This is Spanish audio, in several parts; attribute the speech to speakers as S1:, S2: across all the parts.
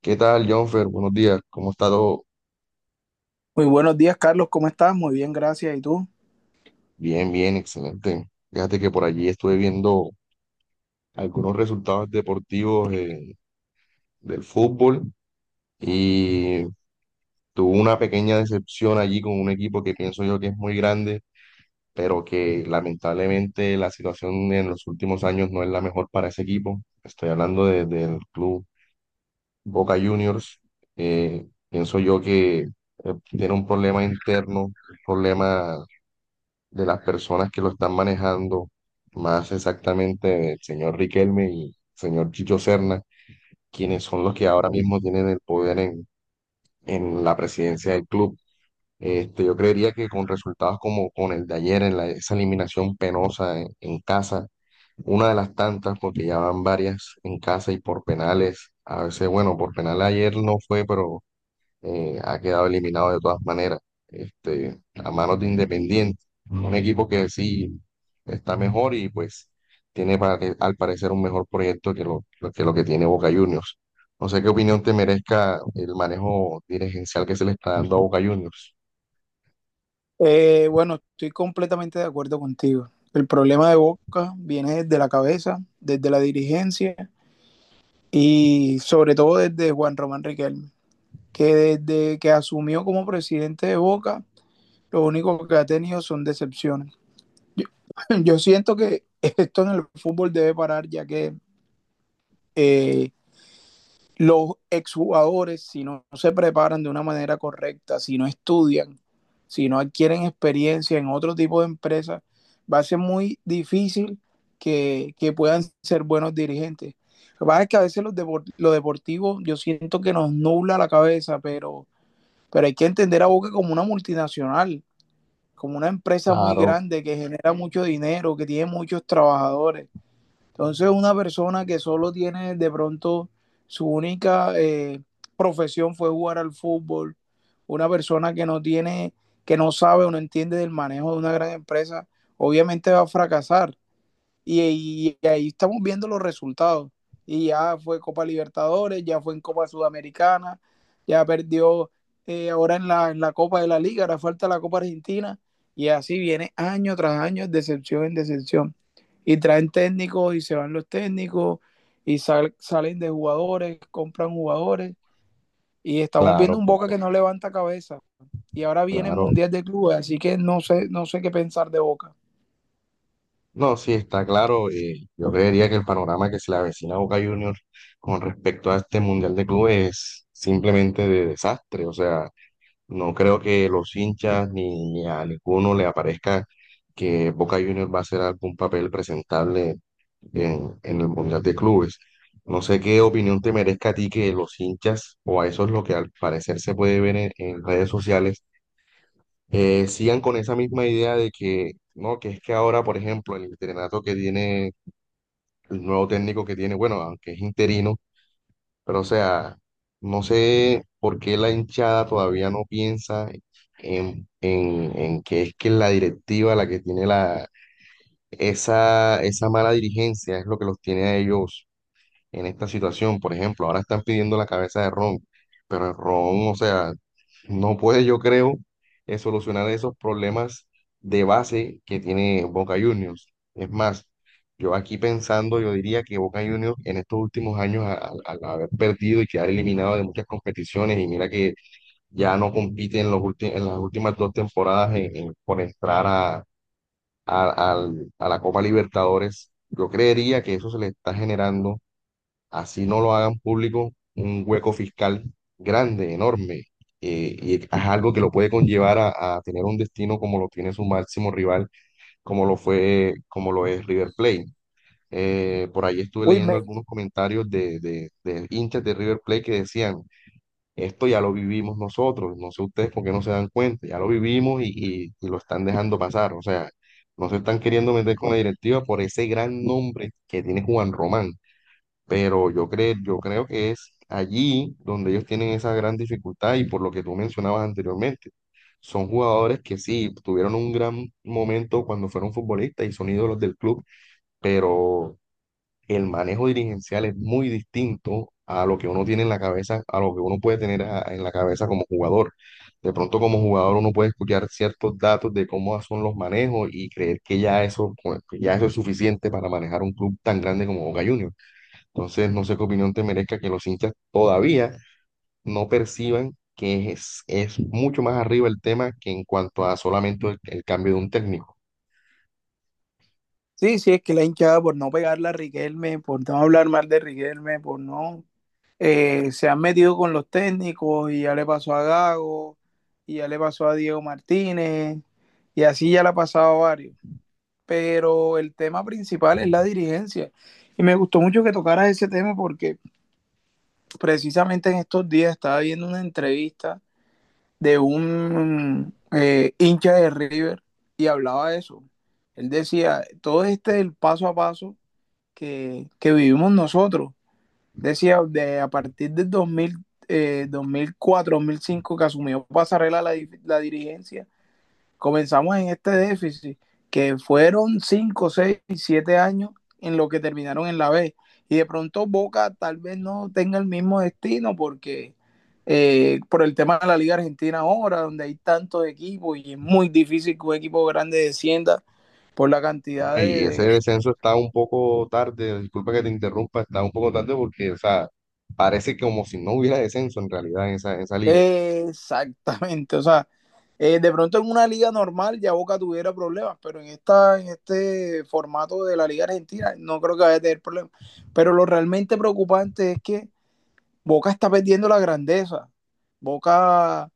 S1: ¿Qué tal, Jonfer? Buenos días. ¿Cómo está todo?
S2: Muy buenos días, Carlos. ¿Cómo estás? Muy bien, gracias. ¿Y tú?
S1: Bien, bien, excelente. Fíjate que por allí estuve viendo algunos resultados deportivos del fútbol y tuve una pequeña decepción allí con un equipo que pienso yo que es muy grande, pero que lamentablemente la situación en los últimos años no es la mejor para ese equipo. Estoy hablando del club Boca Juniors. Pienso yo que tiene un problema interno, un problema de las personas que lo están manejando, más exactamente el señor Riquelme y el señor Chicho Serna, quienes son los que ahora mismo tienen el poder en la presidencia del club. Este, yo creería que con resultados como con el de ayer, esa eliminación penosa en casa, una de las tantas, porque ya van varias en casa y por penales, a veces, bueno, por penal ayer no fue, pero ha quedado eliminado de todas maneras, este, a manos de Independiente, un equipo que sí está mejor y pues tiene al parecer un mejor proyecto que lo que tiene Boca Juniors. No sé qué opinión te merezca el manejo dirigencial que se le está dando a Boca Juniors.
S2: Bueno, estoy completamente de acuerdo contigo. El problema de Boca viene desde la cabeza, desde la dirigencia y sobre todo desde Juan Román Riquelme, que desde que asumió como presidente de Boca, lo único que ha tenido son decepciones. Yo, yo siento que esto en el fútbol debe parar, ya que eh, los exjugadores, si no se preparan de una manera correcta, si no estudian, si no adquieren experiencia en otro tipo de empresas, va a ser muy difícil que puedan ser buenos dirigentes. Lo que pasa es que a veces lo deportivo yo siento que nos nubla la cabeza, pero hay que entender a Boca como una multinacional, como una empresa muy
S1: Claro,
S2: grande que genera mucho dinero, que tiene muchos trabajadores. Entonces, una persona que solo tiene de pronto su única profesión fue jugar al fútbol, una persona que no tiene, que no sabe o no entiende del manejo de una gran empresa, obviamente va a fracasar y ahí estamos viendo los resultados. Y ya fue Copa Libertadores, ya fue en Copa Sudamericana, ya perdió ahora en la Copa de la Liga, ahora falta la Copa Argentina. Y así viene año tras año, decepción en decepción. Y traen técnicos y se van los técnicos y salen de jugadores, compran jugadores. Y estamos
S1: claro,
S2: viendo un Boca
S1: claro,
S2: que no levanta cabeza. Y ahora viene el
S1: claro.
S2: Mundial de Clubes, así que no sé, no sé qué pensar de Boca.
S1: No, sí, está claro. Yo creería que el panorama que se le avecina a Boca Juniors con respecto a este Mundial de Clubes es simplemente de desastre. O sea, no creo que los hinchas ni a ninguno le aparezca que Boca Juniors va a hacer algún papel presentable en el Mundial de Clubes. No sé qué opinión te merezca a ti que los hinchas, o a eso es lo que al parecer se puede ver en redes sociales, sigan con esa misma idea de que, no, que es que ahora, por ejemplo, el entrenato que tiene, el nuevo técnico que tiene, bueno, aunque es interino, pero, o sea, no sé por qué la hinchada todavía no piensa en que es la directiva la que tiene esa mala dirigencia, es lo que los tiene a ellos en esta situación. Por ejemplo, ahora están pidiendo la cabeza de Ron, pero el Ron, o sea, no puede, yo creo, solucionar esos problemas de base que tiene Boca Juniors. Es más, yo aquí pensando, yo diría que Boca Juniors en estos últimos años, al haber perdido y quedar eliminado de muchas competiciones, y mira que ya no compite en los en las últimas dos temporadas por entrar a la Copa Libertadores, yo creería que eso se le está generando así no lo hagan público, un hueco fiscal grande, enorme, y es algo que lo puede conllevar a tener un destino como lo tiene su máximo rival, como lo fue, como lo es River Plate. Por ahí estuve
S2: Uy,
S1: leyendo
S2: me.
S1: algunos comentarios de hinchas de River Plate que decían, esto ya lo vivimos nosotros, no sé ustedes por qué no se dan cuenta, ya lo vivimos y lo están dejando pasar, o sea, no se están queriendo meter con la directiva por ese gran nombre que tiene Juan Román, pero yo creo que es allí donde ellos tienen esa gran dificultad y por lo que tú mencionabas anteriormente. Son jugadores que sí, tuvieron un gran momento cuando fueron futbolistas y son ídolos del club, pero el manejo dirigencial es muy distinto a lo que uno tiene en la cabeza, a lo que uno puede tener en la cabeza como jugador. De pronto como jugador uno puede escuchar ciertos datos de cómo son los manejos y creer que ya eso, pues, que ya eso es suficiente para manejar un club tan grande como Boca Juniors. Entonces, no sé qué opinión te merezca que los hinchas todavía no perciban que es mucho más arriba el tema que en cuanto a solamente el cambio de un técnico.
S2: Sí, sí, es que la hinchada por no pegarla a Riquelme, por no hablar mal de Riquelme, por no... se han metido con los técnicos y ya le pasó a Gago, y ya le pasó a Diego Martínez, y así ya le ha pasado a varios. Pero el tema principal es la dirigencia. Y me gustó mucho que tocaras ese tema porque precisamente en estos días estaba viendo una entrevista de un hincha de River y hablaba de eso. Él decía, todo este el paso a paso que vivimos nosotros. Decía, de, a partir del 2000, 2004, 2005 que asumió Pasarela la dirigencia, comenzamos en este déficit, que fueron 5, 6, 7 años en lo que terminaron en la B. Y de pronto Boca tal vez no tenga el mismo destino porque por el tema de la Liga Argentina ahora, donde hay tantos equipos y es muy difícil que un equipo grande descienda por la cantidad
S1: Bueno,
S2: de,
S1: y
S2: de,
S1: ese descenso está un poco tarde, disculpa que te interrumpa, está un poco tarde porque, o sea, parece como si no hubiera descenso en realidad en en esa liga.
S2: Exactamente, o sea, de pronto en una liga normal ya Boca tuviera problemas, pero en esta, en este formato de la Liga Argentina no creo que vaya a tener problemas. Pero lo realmente preocupante es que Boca está perdiendo la grandeza. Boca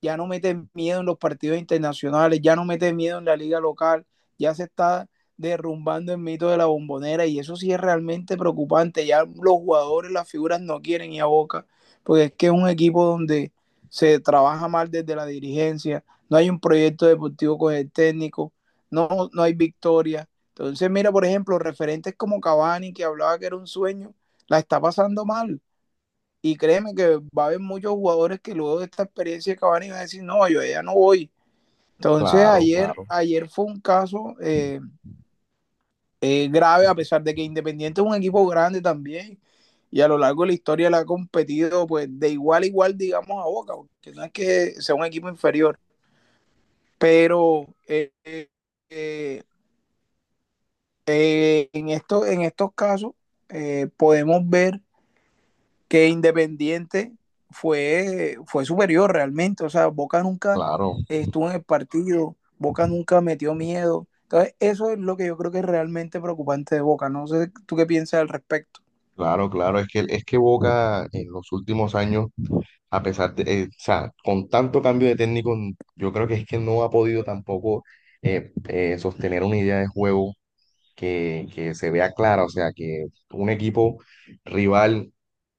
S2: ya no mete miedo en los partidos internacionales, ya no mete miedo en la liga local, ya se está derrumbando el mito de la bombonera y eso sí es realmente preocupante. Ya los jugadores, las figuras no quieren ir a Boca, porque es que es un equipo donde se trabaja mal desde la dirigencia, no hay un proyecto deportivo con el técnico, no, no hay victoria. Entonces, mira, por ejemplo, referentes como Cavani, que hablaba que era un sueño, la está pasando mal. Y créeme que va a haber muchos jugadores que luego de esta experiencia de y van a decir, no, yo ya no voy. Entonces
S1: Claro,
S2: ayer,
S1: claro,
S2: ayer fue un caso grave, a pesar de que Independiente es un equipo grande también, y a lo largo de la historia le ha competido pues de igual a igual, digamos, a Boca, porque no es que sea un equipo inferior. Pero eh, en estos casos podemos ver que Independiente fue superior realmente. O sea, Boca nunca
S1: claro,
S2: estuvo en el partido, Boca nunca metió miedo. Entonces, eso es lo que yo creo que es realmente preocupante de Boca. No sé tú qué piensas al respecto.
S1: claro, claro. Es que Boca en los últimos años a pesar de, o sea, con tanto cambio de técnico, yo creo que es que no ha podido tampoco sostener una idea de juego que se vea clara, o sea, que un equipo rival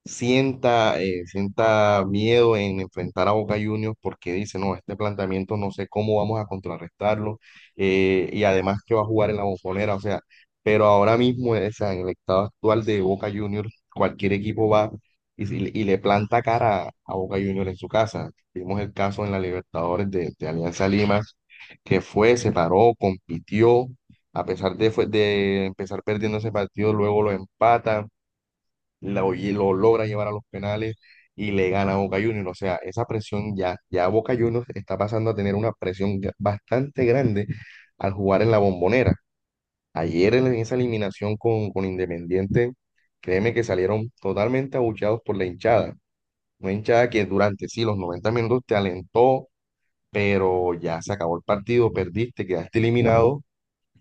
S1: sienta miedo en enfrentar a Boca Juniors porque dice, no, este planteamiento no sé cómo vamos a contrarrestarlo, y además que va a jugar en la Bombonera, o sea, pero ahora mismo, o sea, en el estado actual de Boca Juniors, cualquier equipo va y, si- y le planta cara a Boca Juniors en su casa. Vimos el caso en la Libertadores de Alianza Lima, que fue, se paró, compitió. A pesar de empezar perdiendo ese partido, luego lo empatan, lo logra llevar a los penales y le gana a Boca Juniors. O sea, esa presión, ya Boca Juniors está pasando a tener una presión bastante grande al jugar en la Bombonera. Ayer en esa eliminación con Independiente, créeme que salieron totalmente abucheados por la hinchada. Una hinchada que durante sí los 90 minutos te alentó, pero ya se acabó el partido, perdiste, quedaste eliminado.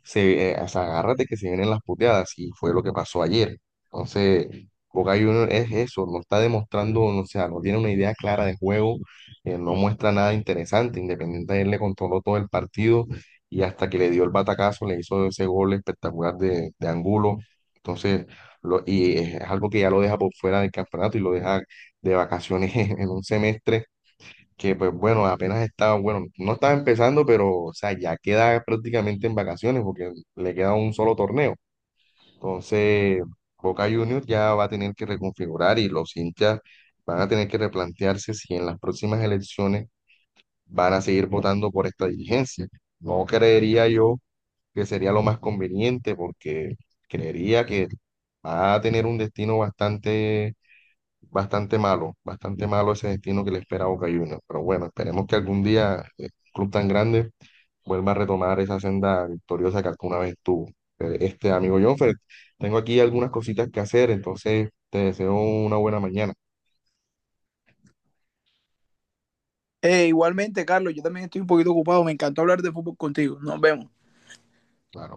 S1: O sea, agárrate que se vienen las puteadas y fue lo que pasó ayer. Entonces, Boca Juniors es eso, no está demostrando, no, o sea, no tiene una idea clara de juego, no muestra nada interesante. Independiente él le controló todo el partido y hasta que le dio el batacazo le hizo ese gol espectacular de Angulo. Entonces, lo, y es algo que ya lo deja por fuera del campeonato y lo deja de vacaciones en un semestre que pues bueno, apenas estaba, bueno, no estaba empezando, pero o sea, ya queda prácticamente en vacaciones porque le queda un solo torneo. Entonces, Boca Juniors ya va a tener que reconfigurar y los hinchas van a tener que replantearse si en las próximas elecciones van a seguir votando por esta dirigencia. No creería yo que sería lo más conveniente porque creería que va a tener un destino bastante, bastante malo, bastante malo ese destino que le espera a Boca Juniors. Pero bueno, esperemos que algún día un club tan grande vuelva a retomar esa senda victoriosa que alguna vez tuvo. Este amigo Jonfer, tengo aquí algunas cositas que hacer, entonces te deseo una buena mañana.
S2: Igualmente, Carlos, yo también estoy un poquito ocupado. Me encantó hablar de fútbol contigo. Nos vemos.
S1: Claro.